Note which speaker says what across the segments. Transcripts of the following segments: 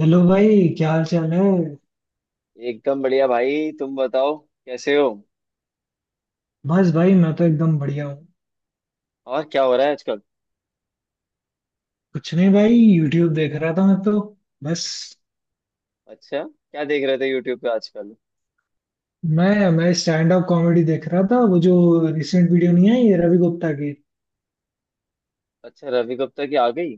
Speaker 1: Hello भाई, क्या हाल चाल है।
Speaker 2: एकदम बढ़िया भाई। तुम बताओ कैसे हो।
Speaker 1: बस भाई, मैं तो एकदम बढ़िया हूँ।
Speaker 2: और क्या हो रहा है आजकल?
Speaker 1: कुछ नहीं भाई, यूट्यूब देख रहा था मैं तो। बस
Speaker 2: अच्छा, क्या देख रहे थे यूट्यूब पे आजकल?
Speaker 1: मैं स्टैंड अप कॉमेडी देख रहा था, वो जो रिसेंट वीडियो नहीं आई है रवि गुप्ता की।
Speaker 2: अच्छा, रवि गुप्ता की आ गई।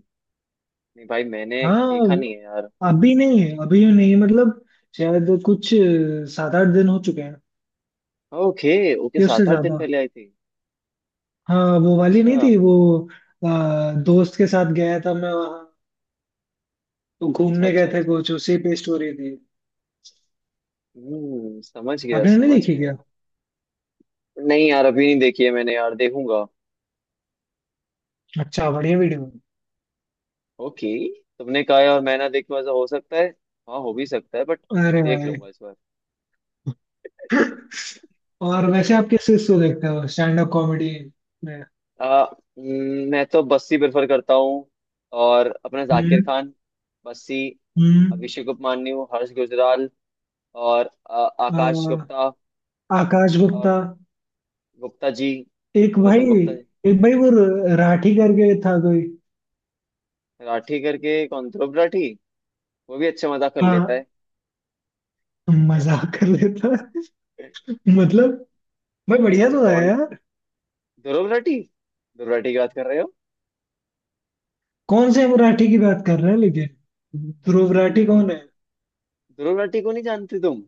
Speaker 2: नहीं भाई, मैंने
Speaker 1: हाँ
Speaker 2: देखा नहीं है यार।
Speaker 1: अभी नहीं है, अभी नहीं मतलब शायद कुछ 7 8 दिन हो चुके हैं
Speaker 2: ओके। ओके,
Speaker 1: या उससे
Speaker 2: सात आठ दिन
Speaker 1: ज्यादा।
Speaker 2: पहले आई थी।
Speaker 1: हाँ, वो वाली नहीं
Speaker 2: अच्छा
Speaker 1: थी वो। अ, दोस्त के साथ गया था मैं वहाँ, तो
Speaker 2: अच्छा
Speaker 1: घूमने गए
Speaker 2: अच्छा।
Speaker 1: थे,
Speaker 2: अच्छा।
Speaker 1: कुछ उसी पे स्टोरी थी।
Speaker 2: हम्म, समझ गया
Speaker 1: आपने नहीं
Speaker 2: समझ
Speaker 1: देखी क्या।
Speaker 2: गया। नहीं यार, अभी नहीं देखी है मैंने यार, देखूंगा।
Speaker 1: अच्छा, बढ़िया वीडियो।
Speaker 2: ओके। तुमने कहा है और मैं ना देखूं, ऐसा हो सकता है? हाँ, हो भी सकता है, बट
Speaker 1: अरे
Speaker 2: देख
Speaker 1: भाई।
Speaker 2: लूंगा इस बार।
Speaker 1: और वैसे आप किस चीज को देखते हो स्टैंड अप कॉमेडी में।
Speaker 2: आ, मैं तो बस्सी प्रेफर करता हूँ, और अपने जाकिर
Speaker 1: हम्म।
Speaker 2: खान, बस्सी,
Speaker 1: हम्म।
Speaker 2: अभिषेक उपमन्यु, हर्ष गुजराल, और
Speaker 1: अ,
Speaker 2: आकाश गुप्ता।
Speaker 1: आकाश गुप्ता।
Speaker 2: और गुप्ता जी,
Speaker 1: एक
Speaker 2: अगर
Speaker 1: भाई,
Speaker 2: तुम गुप्ता जी।
Speaker 1: एक भाई वो राठी करके था कोई।
Speaker 2: राठी करके कौन, ध्रुव राठी? वो भी अच्छा मजाक कर लेता
Speaker 1: हाँ, मजाक कर लेता।
Speaker 2: है।
Speaker 1: मतलब भाई बढ़िया तो है
Speaker 2: टॉन्ट।
Speaker 1: यार।
Speaker 2: ध्रुव राठी। ध्रुव राठी की बात कर रहे हो।
Speaker 1: कौन से हम राठी की बात कर रहे हैं, लेकिन ध्रुव राठी
Speaker 2: भाई,
Speaker 1: कौन है।
Speaker 2: ध्रुव राठी को नहीं जानते तुम?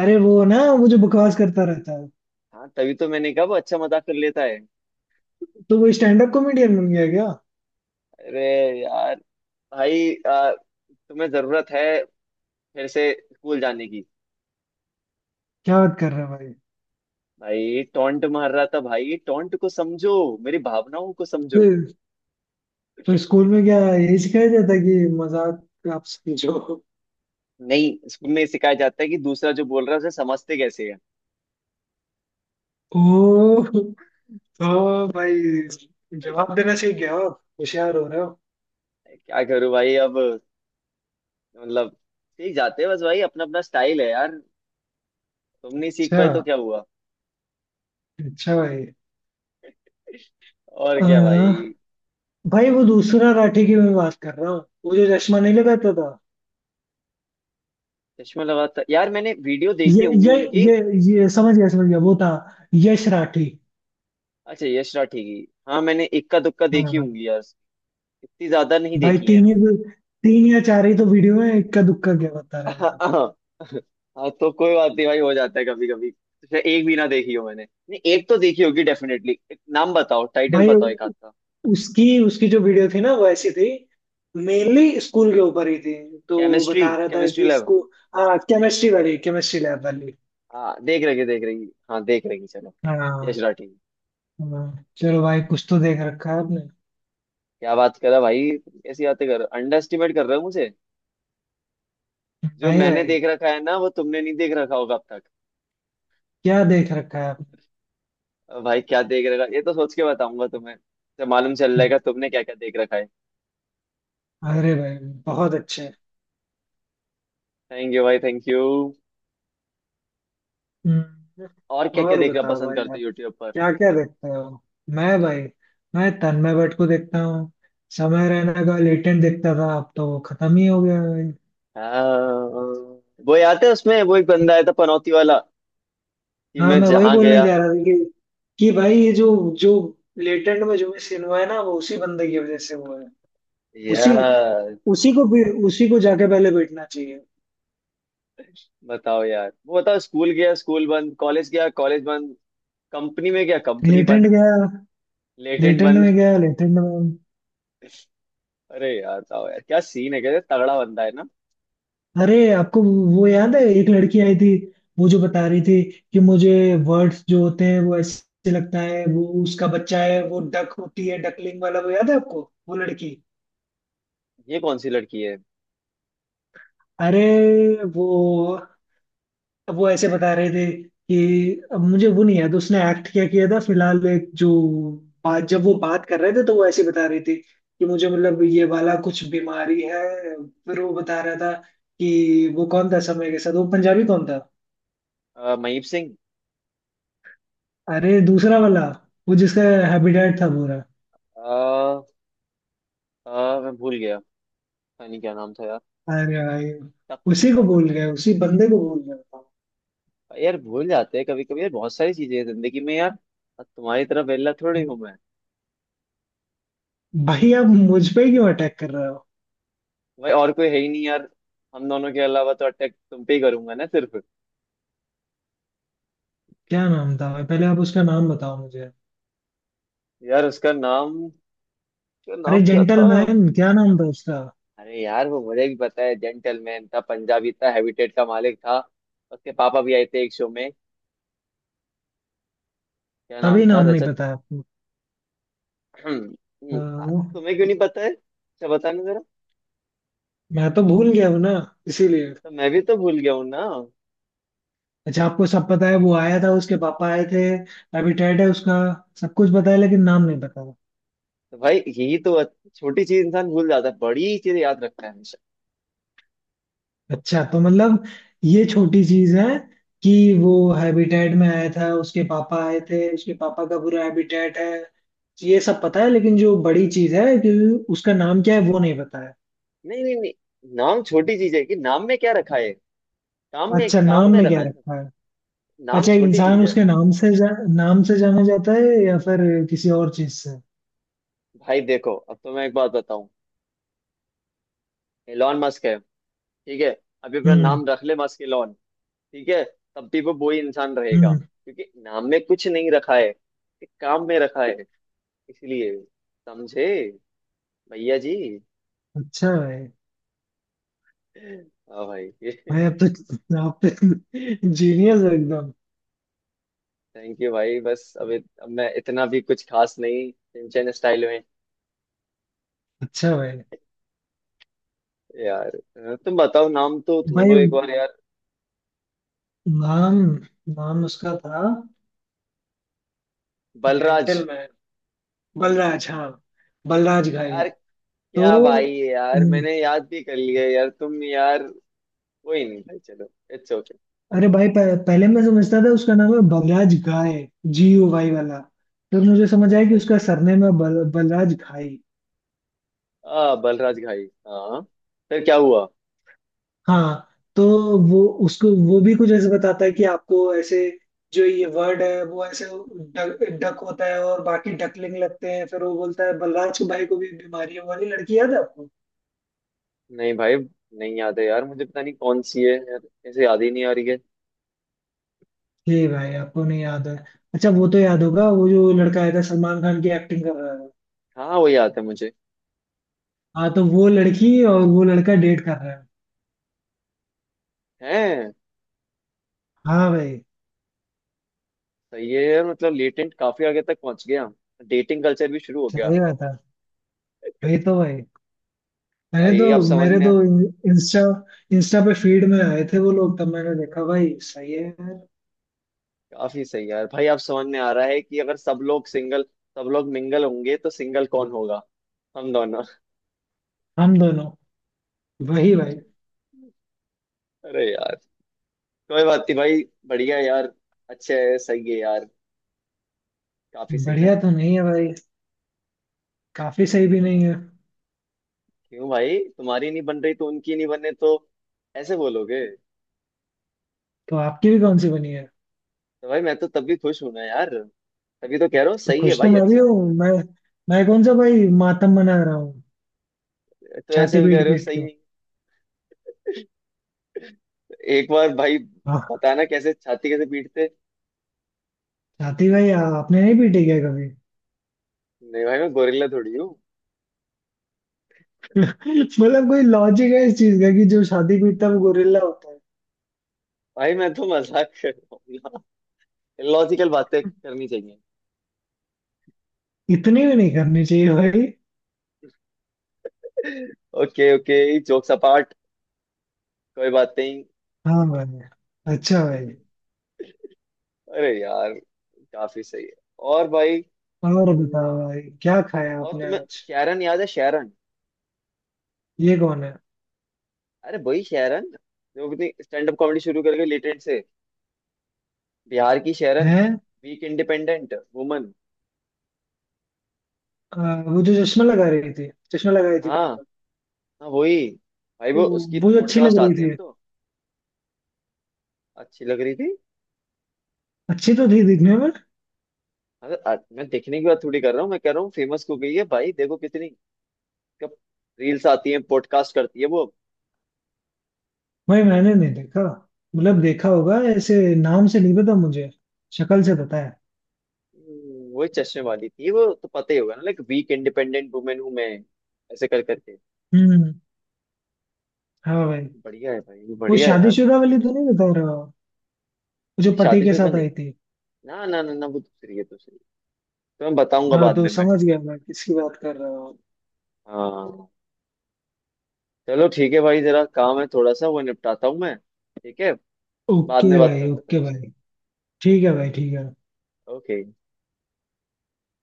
Speaker 1: अरे वो ना, वो जो बकवास करता रहता है।
Speaker 2: हाँ, तभी तो मैंने कहा वो अच्छा मजाक कर लेता है।
Speaker 1: तो वो स्टैंड अप कॉमेडियन बन गया क्या।
Speaker 2: अरे यार, भाई तुम्हें जरूरत है फिर से स्कूल जाने की।
Speaker 1: क्या बात कर रहे हैं भाई।
Speaker 2: भाई टोंट मार रहा था, भाई टोंट को समझो, मेरी भावनाओं को
Speaker 1: तो,
Speaker 2: समझो।
Speaker 1: तो स्कूल में क्या यही सिखाया जाता है कि मजाक आप समझो।
Speaker 2: नहीं, स्कूल में सिखाया जाता है कि दूसरा जो बोल रहा है उसे समझते कैसे है।
Speaker 1: ओ। ओ भाई जवाब देना सीख गया हो, आप होशियार हो रहे हो।
Speaker 2: क्या करूं भाई अब, मतलब सीख जाते हैं बस भाई, अपना अपना स्टाइल है यार। तुम नहीं सीख
Speaker 1: अच्छा।
Speaker 2: पाए तो क्या हुआ।
Speaker 1: अच्छा भाई।
Speaker 2: और क्या
Speaker 1: अह,
Speaker 2: भाई।
Speaker 1: भाई वो दूसरा राठी की मैं बात कर रहा हूँ। वो जो चश्मा नहीं लगाता था।
Speaker 2: चश्मा लगा था यार, मैंने वीडियो देखी
Speaker 1: ये
Speaker 2: होंगी
Speaker 1: ये
Speaker 2: उनकी।
Speaker 1: ये ये समझ गया, समझ गया, वो था यश राठी।
Speaker 2: अच्छा, यश राठी की। हाँ, मैंने इक्का दुक्का देखी
Speaker 1: हाँ
Speaker 2: होंगी यार, इतनी ज्यादा नहीं
Speaker 1: भाई,
Speaker 2: देखी है।
Speaker 1: 3 या 4 ही तो वीडियो में, इक्का दुक्का क्या बता रहे हो आप।
Speaker 2: हाँ। हाँ, तो कोई बात नहीं भाई, हो जाता है कभी कभी। तो एक भी ना देखी हो मैंने। नहीं, एक तो देखी होगी डेफिनेटली। नाम बताओ, टाइटल
Speaker 1: भाई
Speaker 2: बताओ एक हाथ का।
Speaker 1: उसकी उसकी जो वीडियो थी ना, वो ऐसी थी। मेनली स्कूल के ऊपर ही थी। तो
Speaker 2: केमिस्ट्री,
Speaker 1: बता रहा था
Speaker 2: केमिस्ट्री
Speaker 1: कि
Speaker 2: लैब।
Speaker 1: इसको। हाँ, केमिस्ट्री वाली, केमिस्ट्री लैब वाली।
Speaker 2: हाँ देख रही है, देख रही है। हाँ देख रही है। चलो। यश
Speaker 1: हाँ।
Speaker 2: राठी।
Speaker 1: हाँ, चलो भाई कुछ तो देख रखा है आपने।
Speaker 2: क्या बात कर रहा भाई, तुम कैसी बातें कर रहे हो, अंडर एस्टिमेट कर रहे हो मुझे। जो
Speaker 1: नहीं
Speaker 2: मैंने
Speaker 1: भाई,
Speaker 2: देख रखा है ना, वो तुमने नहीं देख रखा होगा अब तक।
Speaker 1: क्या देख रखा है आपने।
Speaker 2: अब भाई क्या देख रखा, ये तो सोच के बताऊंगा तुम्हें, तो मालूम चल जाएगा तुमने क्या क्या देख रखा है।
Speaker 1: अरे भाई, बहुत अच्छे।
Speaker 2: थैंक यू भाई, थैंक यू।
Speaker 1: हम्म,
Speaker 2: और क्या क्या
Speaker 1: और
Speaker 2: देखना
Speaker 1: बताओ
Speaker 2: पसंद
Speaker 1: भाई
Speaker 2: करते
Speaker 1: आप,
Speaker 2: हो यूट्यूब पर?
Speaker 1: क्या क्या देखते हो। मैं भाई, मैं तन्मय भट्ट को देखता हूँ। समय रैना का लेटेंट देखता था, अब तो वो खत्म ही हो गया भाई।
Speaker 2: हाँ, वो याद है उसमें वो एक बंदा आया था पनौती वाला, कि
Speaker 1: हाँ,
Speaker 2: मैं
Speaker 1: मैं वही
Speaker 2: जहाँ
Speaker 1: बोलने
Speaker 2: गया।
Speaker 1: जा रहा था कि भाई ये जो जो लेटेंट में जो भी सीन हुआ है ना, वो उसी बंदे की वजह से हुआ है। उसी,
Speaker 2: यार
Speaker 1: उसी को भी, उसी को जाके पहले बैठना चाहिए।
Speaker 2: बताओ यार, वो बताओ, स्कूल गया स्कूल बंद, कॉलेज गया कॉलेज बंद, कंपनी में गया कंपनी
Speaker 1: लेटेंट
Speaker 2: बंद।
Speaker 1: गया।
Speaker 2: लेटेंट
Speaker 1: लेटेंट
Speaker 2: बंद।
Speaker 1: में गया, लेटेंट में।
Speaker 2: अरे यार बताओ यार, क्या सीन है, क्या तगड़ा बंदा है ना।
Speaker 1: अरे आपको वो याद है, एक लड़की आई थी। वो जो बता रही थी कि मुझे वर्ड्स जो होते हैं वो ऐसे लगता है वो उसका बच्चा है, वो डक होती है, डकलिंग वाला, वो याद है आपको, वो लड़की।
Speaker 2: ये कौन सी लड़की है?
Speaker 1: अरे वो वो ऐसे बता रहे थे कि अब मुझे वो नहीं याद उसने एक्ट क्या किया था, फिलहाल एक जो बात, जब वो बात कर रहे थे तो वो ऐसे बता रही थी कि मुझे, मतलब ये वाला कुछ बीमारी है। फिर वो बता रहा था कि वो कौन था समय के साथ, वो पंजाबी कौन था।
Speaker 2: महीप सिंह।
Speaker 1: अरे दूसरा वाला, वो जिसका हैबिटेट था पूरा।
Speaker 2: अ, मैं भूल गया, पता नहीं क्या नाम था यार।
Speaker 1: अरे भाई,
Speaker 2: टक।
Speaker 1: उसी को
Speaker 2: टक
Speaker 1: बोल गया,
Speaker 2: टक।
Speaker 1: उसी बंदे को बोल गया था।
Speaker 2: यार भूल जाते हैं कभी कभी यार, बहुत सारी चीजें हैं जिंदगी में यार। अब तुम्हारी तरह वेला थोड़ी हूँ मैं।
Speaker 1: भाई आप मुझ पे ही क्यों अटैक कर रहे हो।
Speaker 2: भाई और कोई है ही नहीं यार, हम दोनों के अलावा, तो अटैक तुम पे ही करूंगा ना सिर्फ।
Speaker 1: क्या नाम था भाई, पहले आप उसका नाम बताओ मुझे।
Speaker 2: यार उसका नाम, उसका
Speaker 1: अरे
Speaker 2: नाम क्या था।
Speaker 1: जेंटलमैन, क्या नाम था उसका।
Speaker 2: अरे यार, वो मुझे भी पता है, जेंटलमैन था, पंजाबी था, हैबिटेट का मालिक था, उसके पापा भी आए थे एक शो में। क्या नाम
Speaker 1: तभी
Speaker 2: था,
Speaker 1: नाम नहीं
Speaker 2: रजत?
Speaker 1: पता है आपको।
Speaker 2: आ,
Speaker 1: हाँ,
Speaker 2: तुम्हें क्यों नहीं पता है, अच्छा बताना जरा।
Speaker 1: मैं तो भूल गया हूँ ना, इसीलिए।
Speaker 2: तो मैं भी तो भूल गया हूँ ना।
Speaker 1: अच्छा आपको सब पता है, वो आया था, उसके पापा आए थे, हैबिटेट है उसका, सब कुछ पता है, लेकिन नाम नहीं पता।
Speaker 2: तो भाई यही तो, छोटी चीज इंसान भूल जाता है, बड़ी चीज याद रखता है हमेशा।
Speaker 1: अच्छा तो मतलब ये छोटी चीज है कि वो हैबिटेट में आया था, उसके पापा आए थे, उसके पापा का पूरा हैबिटेट है, ये सब पता है, लेकिन जो बड़ी चीज है कि उसका नाम क्या है, वो नहीं पता है।
Speaker 2: नहीं नहीं नहीं, नाम छोटी चीज है, कि नाम में क्या रखा है। काम में,
Speaker 1: अच्छा,
Speaker 2: काम
Speaker 1: नाम
Speaker 2: में
Speaker 1: में
Speaker 2: रखा
Speaker 1: क्या
Speaker 2: है ना।
Speaker 1: रखा है।
Speaker 2: नाम
Speaker 1: अच्छा,
Speaker 2: छोटी
Speaker 1: इंसान
Speaker 2: चीज है।
Speaker 1: उसके नाम से जाना जाता है या फिर किसी और चीज से।
Speaker 2: भाई देखो, अब तो मैं एक बात बताऊं। एलॉन मस्क है, ठीक है। अभी अपना
Speaker 1: हम्म।
Speaker 2: नाम रख ले मस्क एलॉन, ठीक है। तब भी वो वही इंसान रहेगा,
Speaker 1: हम्म।
Speaker 2: क्योंकि नाम में कुछ नहीं रखा है, एक काम में रखा है। इसलिए, समझे भैया जी।
Speaker 1: अच्छा भाई।
Speaker 2: हाँ भाई।
Speaker 1: भाई आप तो, आप तो जीनियस हो एकदम।
Speaker 2: थैंक यू भाई, बस अब अब मैं इतना भी कुछ खास नहीं, सिंचन स्टाइल में।
Speaker 1: अच्छा भाई।
Speaker 2: यार तुम बताओ, नाम तो
Speaker 1: भाई
Speaker 2: ढूंढो एक बार यार।
Speaker 1: नाम, नाम उसका था
Speaker 2: बलराज।
Speaker 1: जेंटलमैन, बलराज। हाँ, बलराज घाई।
Speaker 2: यार
Speaker 1: तो।
Speaker 2: क्या भाई है यार,
Speaker 1: हम्म,
Speaker 2: मैंने याद भी कर लिया यार, तुम यार। कोई नहीं भाई, चलो। It's okay.
Speaker 1: अरे भाई पहले मैं समझता था उसका नाम है Balraj Ghai, G U Y वाला। फिर मुझे समझ आया
Speaker 2: अच्छा
Speaker 1: कि
Speaker 2: अच्छा,
Speaker 1: उसका सरनेम है बलराज घाई।
Speaker 2: आ बलराज घाई, हाँ। फिर क्या हुआ?
Speaker 1: हाँ। तो वो उसको, वो भी कुछ ऐसे बताता है कि आपको ऐसे जो ये वर्ड है वो ऐसे डक होता है और बाकी डकलिंग लगते हैं। फिर वो बोलता है बलराज के भाई को भी बीमारी है। वो वाली लड़की याद है आपको।
Speaker 2: नहीं भाई, नहीं याद है यार मुझे, पता नहीं कौन सी है यार, ऐसे याद ही नहीं आ रही है।
Speaker 1: ये भाई आपको नहीं याद है। अच्छा वो तो याद होगा, वो जो लड़का आया था सलमान खान की एक्टिंग कर रहा है।
Speaker 2: हाँ वो याद है मुझे।
Speaker 1: हाँ तो वो लड़की और वो लड़का डेट कर रहे हैं।
Speaker 2: है।
Speaker 1: हाँ भाई,
Speaker 2: सही है यार, मतलब लेटेंट काफी आगे तक पहुंच गया, डेटिंग कल्चर भी शुरू हो गया।
Speaker 1: सही बात है। वही तो भाई। मैंने तो,
Speaker 2: भाई आप समझ
Speaker 1: मेरे
Speaker 2: में
Speaker 1: तो इंस्टा, इंस्टा पे फीड में आए थे वो लोग, तब मैंने देखा भाई, सही है यार।
Speaker 2: काफी सही यार, भाई आप समझ में आ रहा है कि अगर सब लोग सिंगल, सब लोग मिंगल होंगे तो सिंगल कौन होगा? हम दोनों।
Speaker 1: हम दोनों। वही भाई।
Speaker 2: अरे यार, कोई बात नहीं भाई, बढ़िया यार, अच्छा है, सही है यार, काफी सही ना।
Speaker 1: बढ़िया तो नहीं है भाई, काफी सही भी
Speaker 2: क्यों
Speaker 1: नहीं
Speaker 2: भाई?
Speaker 1: है।
Speaker 2: क्यों भाई, तुम्हारी नहीं बन रही तो उनकी नहीं बने, तो ऐसे बोलोगे?
Speaker 1: तो आपकी भी कौन सी बनी है।
Speaker 2: तो भाई मैं तो तब भी खुश हूं ना यार, तभी तो कह रहा हूँ
Speaker 1: तो
Speaker 2: सही है
Speaker 1: खुश तो
Speaker 2: भाई,
Speaker 1: मैं भी
Speaker 2: अच्छा
Speaker 1: हूँ, मैं, कौन सा भाई मातम मना रहा हूँ
Speaker 2: है तो।
Speaker 1: छाती
Speaker 2: ऐसे भी कह
Speaker 1: पीट
Speaker 2: रहे हो,
Speaker 1: पीट
Speaker 2: सही
Speaker 1: के।
Speaker 2: है। तो एक बार भाई
Speaker 1: हाँ,
Speaker 2: बताना, कैसे छाती कैसे पीटते।
Speaker 1: छाती भाई आपने नहीं पीटी क्या कभी।
Speaker 2: नहीं भाई, मैं गोरिल्ला थोड़ी हूँ।
Speaker 1: मतलब कोई लॉजिक है इस चीज का कि जो शादी पीटता है वो गोरिल्ला होता है।
Speaker 2: भाई मैं तो मजाक कर रहा हूँ, लॉजिकल बातें करनी चाहिए।
Speaker 1: इतनी भी नहीं करनी चाहिए भाई।
Speaker 2: ओके ओके, जोक्स अपार्ट, कोई बात नहीं।
Speaker 1: हाँ भाई, अच्छा भाई।
Speaker 2: अरे यार, काफी सही है। और भाई।
Speaker 1: और
Speaker 2: हम्म,
Speaker 1: बताओ भाई, क्या खाया
Speaker 2: और
Speaker 1: आपने
Speaker 2: तुम्हें
Speaker 1: आज।
Speaker 2: शेरन याद है, शेरन?
Speaker 1: ये कौन है।
Speaker 2: अरे वही शेरन, जो अपनी स्टैंड अप कॉमेडी शुरू करके लिटरेट से, बिहार की शेरन,
Speaker 1: हैं।
Speaker 2: Weak independent woman.
Speaker 1: अ, वो जो चश्मा लगा रही थी, चश्मा लगाई थी
Speaker 2: हाँ,
Speaker 1: मतलब।
Speaker 2: हाँ वही। भाई
Speaker 1: वो
Speaker 2: वो उसकी
Speaker 1: वो जो अच्छी लग
Speaker 2: पॉडकास्ट
Speaker 1: रही
Speaker 2: आते हैं अब
Speaker 1: थी।
Speaker 2: तो। अच्छी लग रही थी।
Speaker 1: अच्छी तो थी दिखने में।
Speaker 2: अरे मैं देखने की बात थोड़ी कर रहा हूँ, मैं कह रहा हूँ फेमस हो गई है भाई, देखो कितनी, कब रील्स आती हैं, पॉडकास्ट करती है वो।
Speaker 1: भाई मैंने नहीं देखा, मतलब देखा होगा ऐसे, नाम से नहीं पता मुझे, शक्ल से पता है।
Speaker 2: वही चश्मे वाली थी, वो तो पता ही होगा ना, लाइक वीक इंडिपेंडेंट वुमेन हूँ मैं, ऐसे कर करके।
Speaker 1: हम्म। हाँ भाई।
Speaker 2: बढ़िया है भाई,
Speaker 1: वो
Speaker 2: बढ़िया है यार,
Speaker 1: शादीशुदा
Speaker 2: बढ़िया
Speaker 1: वाली
Speaker 2: है।
Speaker 1: तो नहीं बता रहा हो? वो जो
Speaker 2: नहीं,
Speaker 1: पति के
Speaker 2: शादीशुदा
Speaker 1: साथ
Speaker 2: नहीं,
Speaker 1: आई थी।
Speaker 2: ना ना ना ना, वो दूसरी है दूसरी। तो मैं बताऊंगा
Speaker 1: हाँ
Speaker 2: बाद
Speaker 1: तो
Speaker 2: में मैं।
Speaker 1: समझ गया मैं किसकी बात कर रहा हूँ।
Speaker 2: हाँ। चलो ठीक है भाई, जरा काम है थोड़ा सा, वो निपटाता हूँ मैं, ठीक है। बाद में
Speaker 1: ओके
Speaker 2: बात
Speaker 1: भाई,
Speaker 2: करता हूँ
Speaker 1: ओके
Speaker 2: तुमसे।
Speaker 1: भाई। ठीक है भाई, ठीक है।
Speaker 2: ओके।